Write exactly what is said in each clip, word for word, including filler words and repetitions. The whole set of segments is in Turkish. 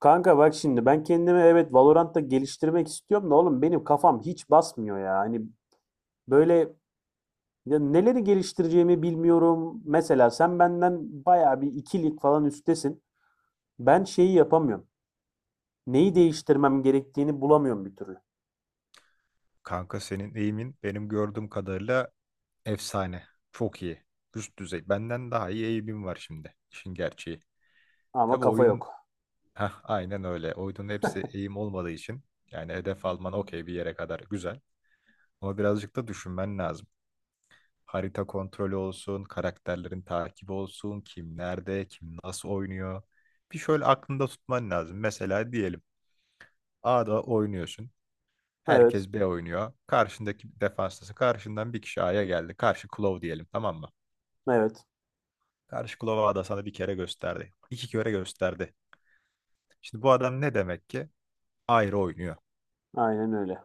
Kanka bak şimdi ben kendimi evet Valorant'ta geliştirmek istiyorum da oğlum benim kafam hiç basmıyor ya. Hani böyle ya neleri geliştireceğimi bilmiyorum. Mesela sen benden bayağı bir ikilik falan üstesin. Ben şeyi yapamıyorum. Neyi değiştirmem gerektiğini bulamıyorum bir türlü. Kanka senin eğimin benim gördüğüm kadarıyla efsane. Çok iyi. Üst düzey. Benden daha iyi eğimim var şimdi. İşin gerçeği. Ama Tabii kafa oyunun yok. Heh, aynen öyle. Oyunun hepsi eğim olmadığı için yani hedef alman okey bir yere kadar güzel. Ama birazcık da düşünmen lazım. Harita kontrolü olsun, karakterlerin takibi olsun, kim nerede, kim nasıl oynuyor. Bir şöyle aklında tutman lazım. Mesela diyelim A'da oynuyorsun. Evet, Herkes B oynuyor. Karşındaki defanstası. Karşından bir kişi A'ya geldi. Karşı Klov diyelim, tamam mı? evet. Karşı Klov'a ada sana bir kere gösterdi. İki kere gösterdi. Şimdi bu adam ne demek ki? Ayrı oynuyor. Aynen öyle.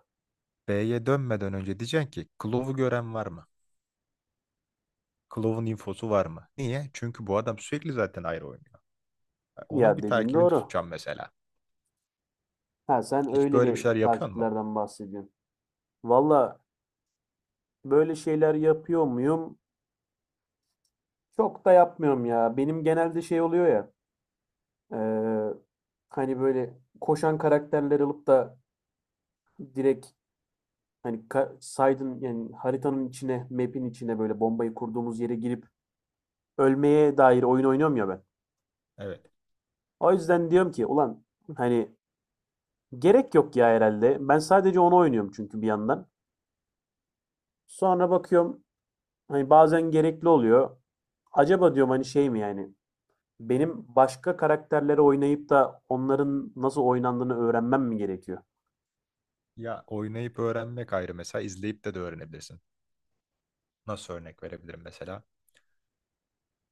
B'ye dönmeden önce diyeceksin ki Klov'u gören var mı? Klov'un infosu var mı? Niye? Çünkü bu adam sürekli zaten ayrı oynuyor. Yani onun Ya bir dediğin takibini doğru. tutacağım mesela. Ha sen Hiç böyle bir öyleli şeyler yapıyor mu? takiplerden bahsediyorsun. Valla böyle şeyler yapıyor muyum? Çok da yapmıyorum ya. Benim genelde şey oluyor ya. Eee, hani böyle koşan karakterler alıp da direkt hani ka saydın yani haritanın içine, map'in içine böyle bombayı kurduğumuz yere girip ölmeye dair oyun oynuyorum ya ben. Evet. O yüzden diyorum ki ulan hani gerek yok ya herhalde. Ben sadece onu oynuyorum çünkü bir yandan. Sonra bakıyorum hani bazen gerekli oluyor. Acaba diyorum hani şey mi yani benim başka karakterleri oynayıp da onların nasıl oynandığını öğrenmem mi gerekiyor? Ya oynayıp öğrenmek ayrı, mesela izleyip de de öğrenebilirsin. Nasıl örnek verebilirim mesela?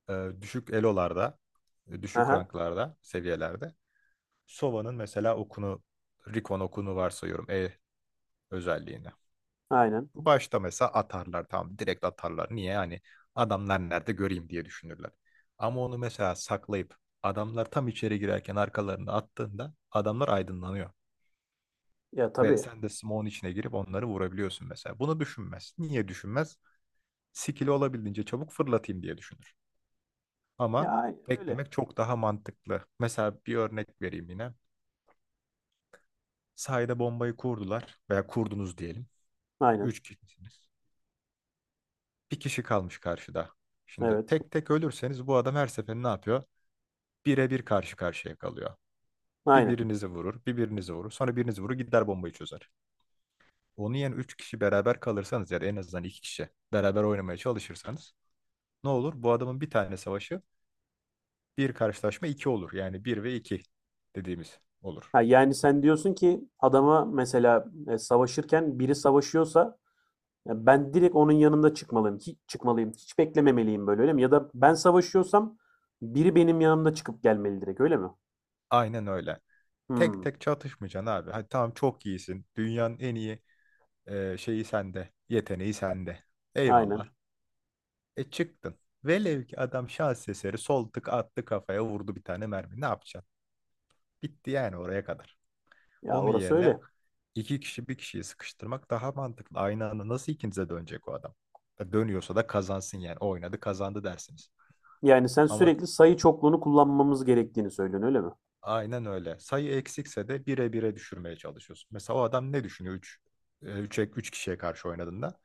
e, Düşük elolarda, e, düşük Aha, ranklarda, seviyelerde. Sova'nın mesela okunu, Rikon okunu varsayıyorum E özelliğini. aynen. Bu başta mesela atarlar, tamam, direkt atarlar. Niye? Hani adamlar nerede göreyim diye düşünürler. Ama onu mesela saklayıp adamlar tam içeri girerken arkalarını attığında adamlar aydınlanıyor. Ya Ve tabii. sen de smoke'un içine girip onları vurabiliyorsun mesela. Bunu düşünmez. Niye düşünmez? Skill'i olabildiğince çabuk fırlatayım diye düşünür. Ya, Ama aynen öyle. beklemek çok daha mantıklı. Mesela bir örnek vereyim yine. Sahada bombayı kurdular veya kurdunuz diyelim. Aynen. Üç kişisiniz. Bir kişi kalmış karşıda. Şimdi Evet. tek tek ölürseniz bu adam her seferinde ne yapıyor? Bire bir karşı karşıya kalıyor. Bir Aynen. birinizi vurur, bir birinizi vurur. Sonra birinizi vurur, gider bombayı çözer. Onu yani üç kişi beraber kalırsanız, yani en azından iki kişi beraber oynamaya çalışırsanız ne olur? Bu adamın bir tane savaşı, bir karşılaşma iki olur. Yani bir ve iki dediğimiz olur. Ha, yani sen diyorsun ki adama mesela e, savaşırken biri savaşıyorsa ya ben direkt onun yanında çıkmalıyım. Hiç çıkmalıyım. Hiç beklememeliyim böyle öyle mi? Ya da ben savaşıyorsam biri benim yanımda çıkıp gelmeli direkt öyle mi? Aynen öyle. Tek Hmm. tek çatışmayacaksın abi. Hadi tamam, çok iyisin. Dünyanın en iyi e, şeyi sende. Yeteneği sende. Eyvallah. Aynen. E çıktın. Velev ki adam şans eseri sol tık attı, kafaya vurdu bir tane mermi. Ne yapacaksın? Bitti yani oraya kadar. Ya Onun orası yerine öyle. iki kişi bir kişiyi sıkıştırmak daha mantıklı. Aynı anda nasıl ikinize dönecek o adam? Ya dönüyorsa da kazansın yani. O oynadı, kazandı dersiniz. Yani sen Ama sürekli sayı çokluğunu kullanmamız gerektiğini söylüyorsun öyle mi? aynen öyle. Sayı eksikse de bire bire düşürmeye çalışıyorsun. Mesela o adam ne düşünüyor üç üç üç kişiye karşı oynadığında?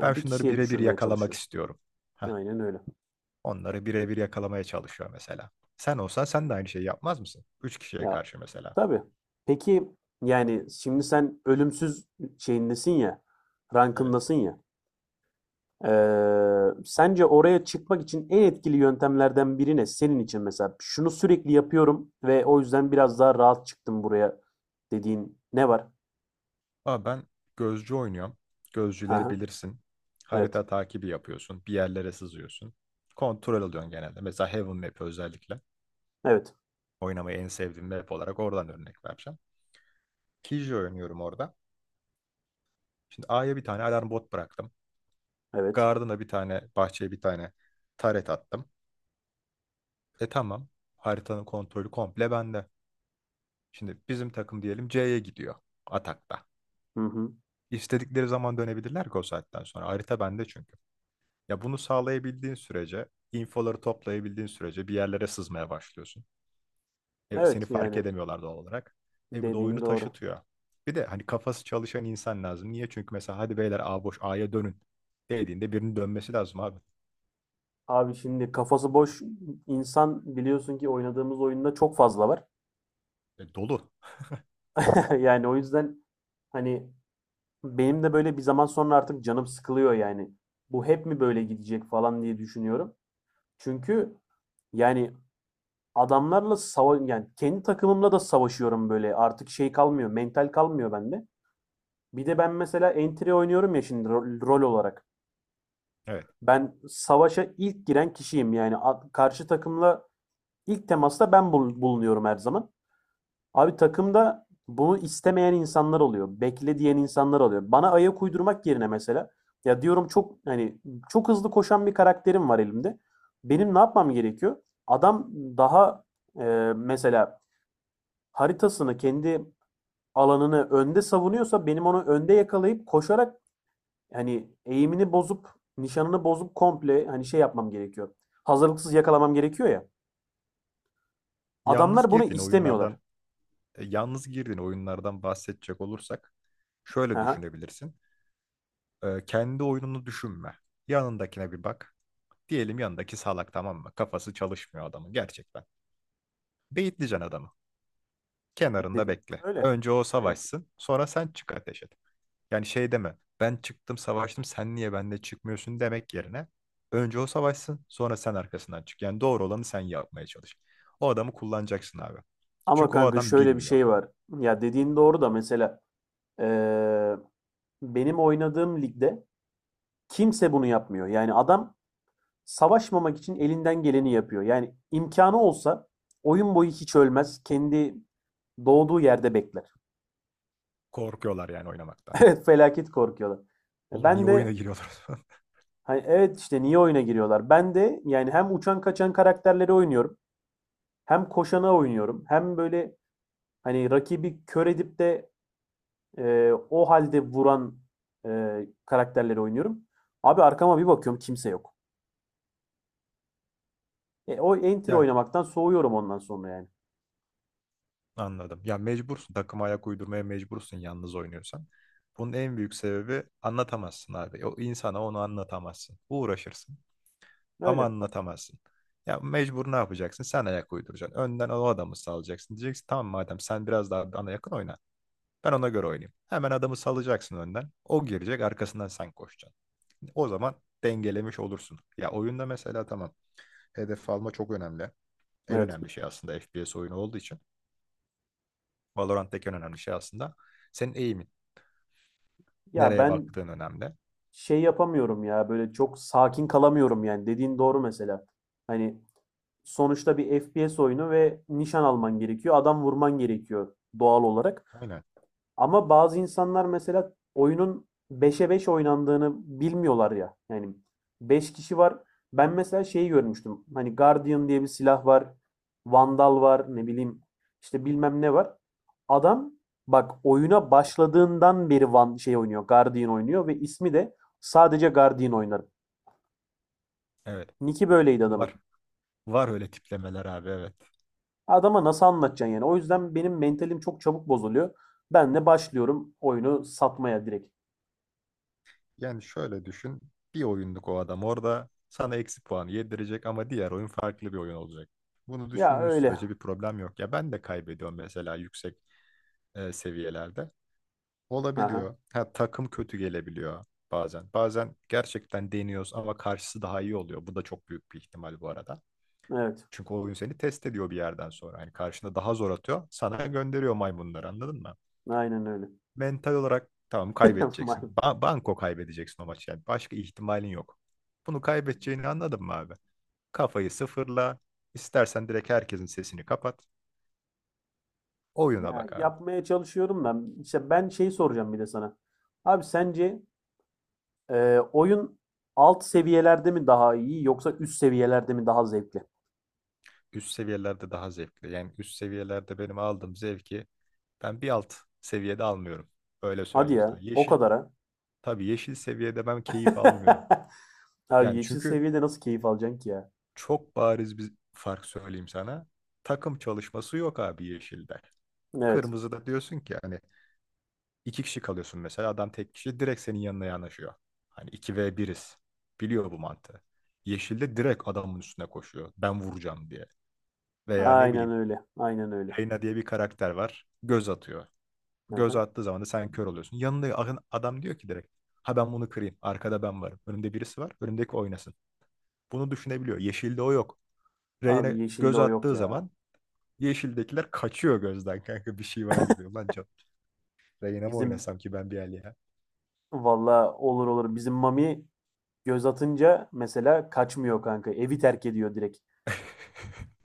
Ben bir şunları kişiye birebir düşürmeye yakalamak çalışıyor. istiyorum. Heh, Aynen öyle. onları birebir yakalamaya çalışıyor mesela. Sen olsan sen de aynı şeyi yapmaz mısın? Üç kişiye Ya karşı mesela. tabii. Peki yani şimdi sen ölümsüz şeyindesin ya, Evet. rankındasın ya. Ee, sence oraya çıkmak için en etkili yöntemlerden biri ne? Senin için mesela şunu sürekli yapıyorum ve o yüzden biraz daha rahat çıktım buraya dediğin ne var? Abi ben gözcü oynuyorum. Gözcüleri Aha, bilirsin. evet. Harita takibi yapıyorsun. Bir yerlere sızıyorsun. Kontrol alıyorsun genelde. Mesela Heaven Map özellikle. Evet. Oynamayı en sevdiğim map olarak oradan örnek vereceğim. Killjoy oynuyorum orada. Şimdi A'ya bir tane alarm bot bıraktım. Evet. Garden'a bir tane, bahçeye bir tane turret attım. E tamam. Haritanın kontrolü komple bende. Şimdi bizim takım diyelim C'ye gidiyor atakta. Hı hı. İstedikleri zaman dönebilirler ki o saatten sonra. Harita bende çünkü. Ya bunu sağlayabildiğin sürece, infoları toplayabildiğin sürece bir yerlere sızmaya başlıyorsun. E, Evet seni fark yani edemiyorlar doğal olarak. E bu da dediğin oyunu doğru. taşıtıyor. Bir de hani kafası çalışan insan lazım. Niye? Çünkü mesela hadi beyler, A boş, A'ya dönün dediğinde birinin dönmesi lazım abi. Abi şimdi kafası boş insan biliyorsun ki oynadığımız oyunda çok fazla var. E, dolu. Yani o yüzden hani benim de böyle bir zaman sonra artık canım sıkılıyor yani. Bu hep mi böyle gidecek falan diye düşünüyorum. Çünkü yani adamlarla sava yani kendi takımımla da savaşıyorum böyle. Artık şey kalmıyor, mental kalmıyor bende. Bir de ben mesela entry oynuyorum ya şimdi rol, rol olarak. Evet. Ben savaşa ilk giren kişiyim yani A- karşı takımla ilk temasta ben bul- bulunuyorum her zaman. Abi takımda bunu istemeyen insanlar oluyor. Bekle diyen insanlar oluyor. Bana ayak uydurmak yerine mesela ya diyorum çok hani çok hızlı koşan bir karakterim var elimde. Benim ne yapmam gerekiyor? Adam daha e, mesela haritasını kendi alanını önde savunuyorsa benim onu önde yakalayıp koşarak hani eğimini bozup nişanını bozup komple hani şey yapmam gerekiyor. Hazırlıksız yakalamam gerekiyor ya. Yalnız Adamlar bunu girdiğin istemiyorlar. oyunlardan e, Yalnız girdiğin oyunlardan bahsedecek olursak şöyle Aha, düşünebilirsin. E, kendi oyununu düşünme. Yanındakine bir bak. Diyelim yanındaki salak, tamam mı? Kafası çalışmıyor adamın gerçekten. Beyitleyeceksin adamı. Kenarında dediğin. bekle. Öyle. Önce o Öyle. savaşsın, sonra sen çık ateş et. Yani şey deme, ben çıktım savaştım, sen niye benimle çıkmıyorsun demek yerine önce o savaşsın, sonra sen arkasından çık. Yani doğru olanı sen yapmaya çalış. O adamı kullanacaksın abi. Ama Çünkü o kanka adam şöyle bir bilmiyor. şey var. Ya dediğin doğru da mesela eee, benim oynadığım ligde kimse bunu yapmıyor. Yani adam savaşmamak için elinden geleni yapıyor. Yani imkanı olsa oyun boyu hiç ölmez. Kendi doğduğu yerde bekler. Korkuyorlar yani oynamaktan. Evet felaket korkuyorlar. E Oğlum ben niye oyuna de giriyorlar? hani evet işte niye oyuna giriyorlar? Ben de yani hem uçan kaçan karakterleri oynuyorum. Hem koşana oynuyorum. Hem böyle hani rakibi kör edip de Ee, o halde vuran e, karakterleri oynuyorum. Abi arkama bir bakıyorum kimse yok. E, o entry Yani oynamaktan soğuyorum ondan sonra yani. anladım. Ya mecbursun, takıma ayak uydurmaya mecbursun yalnız oynuyorsan. Bunun en büyük sebebi, anlatamazsın abi. O insana onu anlatamazsın. Uğraşırsın. Ama Öyle. anlatamazsın. Ya mecbur ne yapacaksın? Sen ayak uyduracaksın. Önden o adamı salacaksın. Diyeceksin tamam madem, sen biraz daha bana yakın oyna. Ben ona göre oynayayım. Hemen adamı salacaksın önden. O girecek, arkasından sen koşacaksın. O zaman dengelemiş olursun. Ya oyunda mesela tamam. Hedef alma çok önemli. En Evet. önemli şey aslında, F P S oyunu olduğu için. Valorant'taki en önemli şey aslında. Senin eğimin. Ya Nereye ben baktığın önemli. şey yapamıyorum ya böyle çok sakin kalamıyorum yani. Dediğin doğru mesela. Hani sonuçta bir F P S oyunu ve nişan alman gerekiyor. Adam vurman gerekiyor doğal olarak. Aynen. Ama bazı insanlar mesela oyunun beşe beş oynandığını bilmiyorlar ya. Yani beş kişi var. Ben mesela şeyi görmüştüm. Hani Guardian diye bir silah var. Vandal var. Ne bileyim işte bilmem ne var. Adam bak oyuna başladığından beri Van şey oynuyor. Guardian oynuyor ve ismi de sadece Guardian oynar. Evet. Nick'i böyleydi Var. adamın. Var öyle tiplemeler abi, evet. Adama nasıl anlatacaksın yani? O yüzden benim mentalim çok çabuk bozuluyor. Ben de başlıyorum oyunu satmaya direkt. Yani şöyle düşün. Bir oyunluk o adam orada sana eksi puan yedirecek ama diğer oyun farklı bir oyun olacak. Bunu Ya düşündüğün öyle. sürece bir problem yok. Ya ben de kaybediyorum mesela yüksek e, seviyelerde. Aha, Olabiliyor. Ha, takım kötü gelebiliyor bazen. Bazen gerçekten deniyoruz ama karşısı daha iyi oluyor. Bu da çok büyük bir ihtimal bu arada. evet. Çünkü o oyun seni test ediyor bir yerden sonra. Yani karşına daha zor atıyor. Sana gönderiyor maymunları, anladın mı? Aynen öyle. Mental olarak tamam, Mal- kaybedeceksin. Ba- banko kaybedeceksin o maçı yani. Başka ihtimalin yok. Bunu kaybedeceğini anladın mı abi? Kafayı sıfırla. İstersen direkt herkesin sesini kapat. Oyuna ya bak abi. yapmaya çalışıyorum da işte ben şeyi soracağım bir de sana. Abi sence e, oyun alt seviyelerde mi daha iyi yoksa üst seviyelerde mi daha zevkli? Üst seviyelerde daha zevkli. Yani üst seviyelerde benim aldığım zevki ben bir alt seviyede almıyorum. Öyle Hadi söyleyeyim sana. ya o Yeşil. kadar ha. Tabii yeşil seviyede ben keyif almıyorum. Abi Yani yeşil çünkü seviyede nasıl keyif alacaksın ki ya? çok bariz bir fark söyleyeyim sana. Takım çalışması yok abi yeşilde. Evet. Kırmızıda diyorsun ki hani İki kişi kalıyorsun mesela. Adam tek kişi direkt senin yanına yanaşıyor. Hani iki v biriz, biliyor bu mantığı. Yeşilde direkt adamın üstüne koşuyor. Ben vuracağım diye. Veya ne Aynen bileyim. öyle. Aynen öyle. Reyna diye bir karakter var. Göz atıyor. Hı Göz hı. attığı zaman da sen kör oluyorsun. Yanında a- adam diyor ki direkt. Ha ben bunu kırayım. Arkada ben varım. Önümde birisi var. Önümdeki oynasın. Bunu düşünebiliyor. Yeşilde o yok. Abi Reyna yeşilde göz o yok attığı ya. zaman yeşildekiler kaçıyor gözden kanka bir şey var gibi. Ulan can- Reyna mı Bizim oynasam ki ben bir el ya? valla olur olur. Bizim Mami göz atınca mesela kaçmıyor kanka. Evi terk ediyor direkt.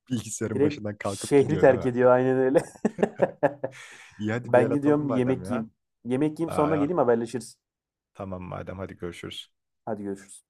Bilgisayarın Direkt başından kalkıp şehri gidiyor değil terk mi? ediyor aynen öyle. İyi hadi bir Ben el atalım gidiyorum bir madem yemek ya. yiyeyim. Yemek yiyeyim sonra Aa, geleyim haberleşiriz. tamam madem, hadi görüşürüz. Hadi görüşürüz.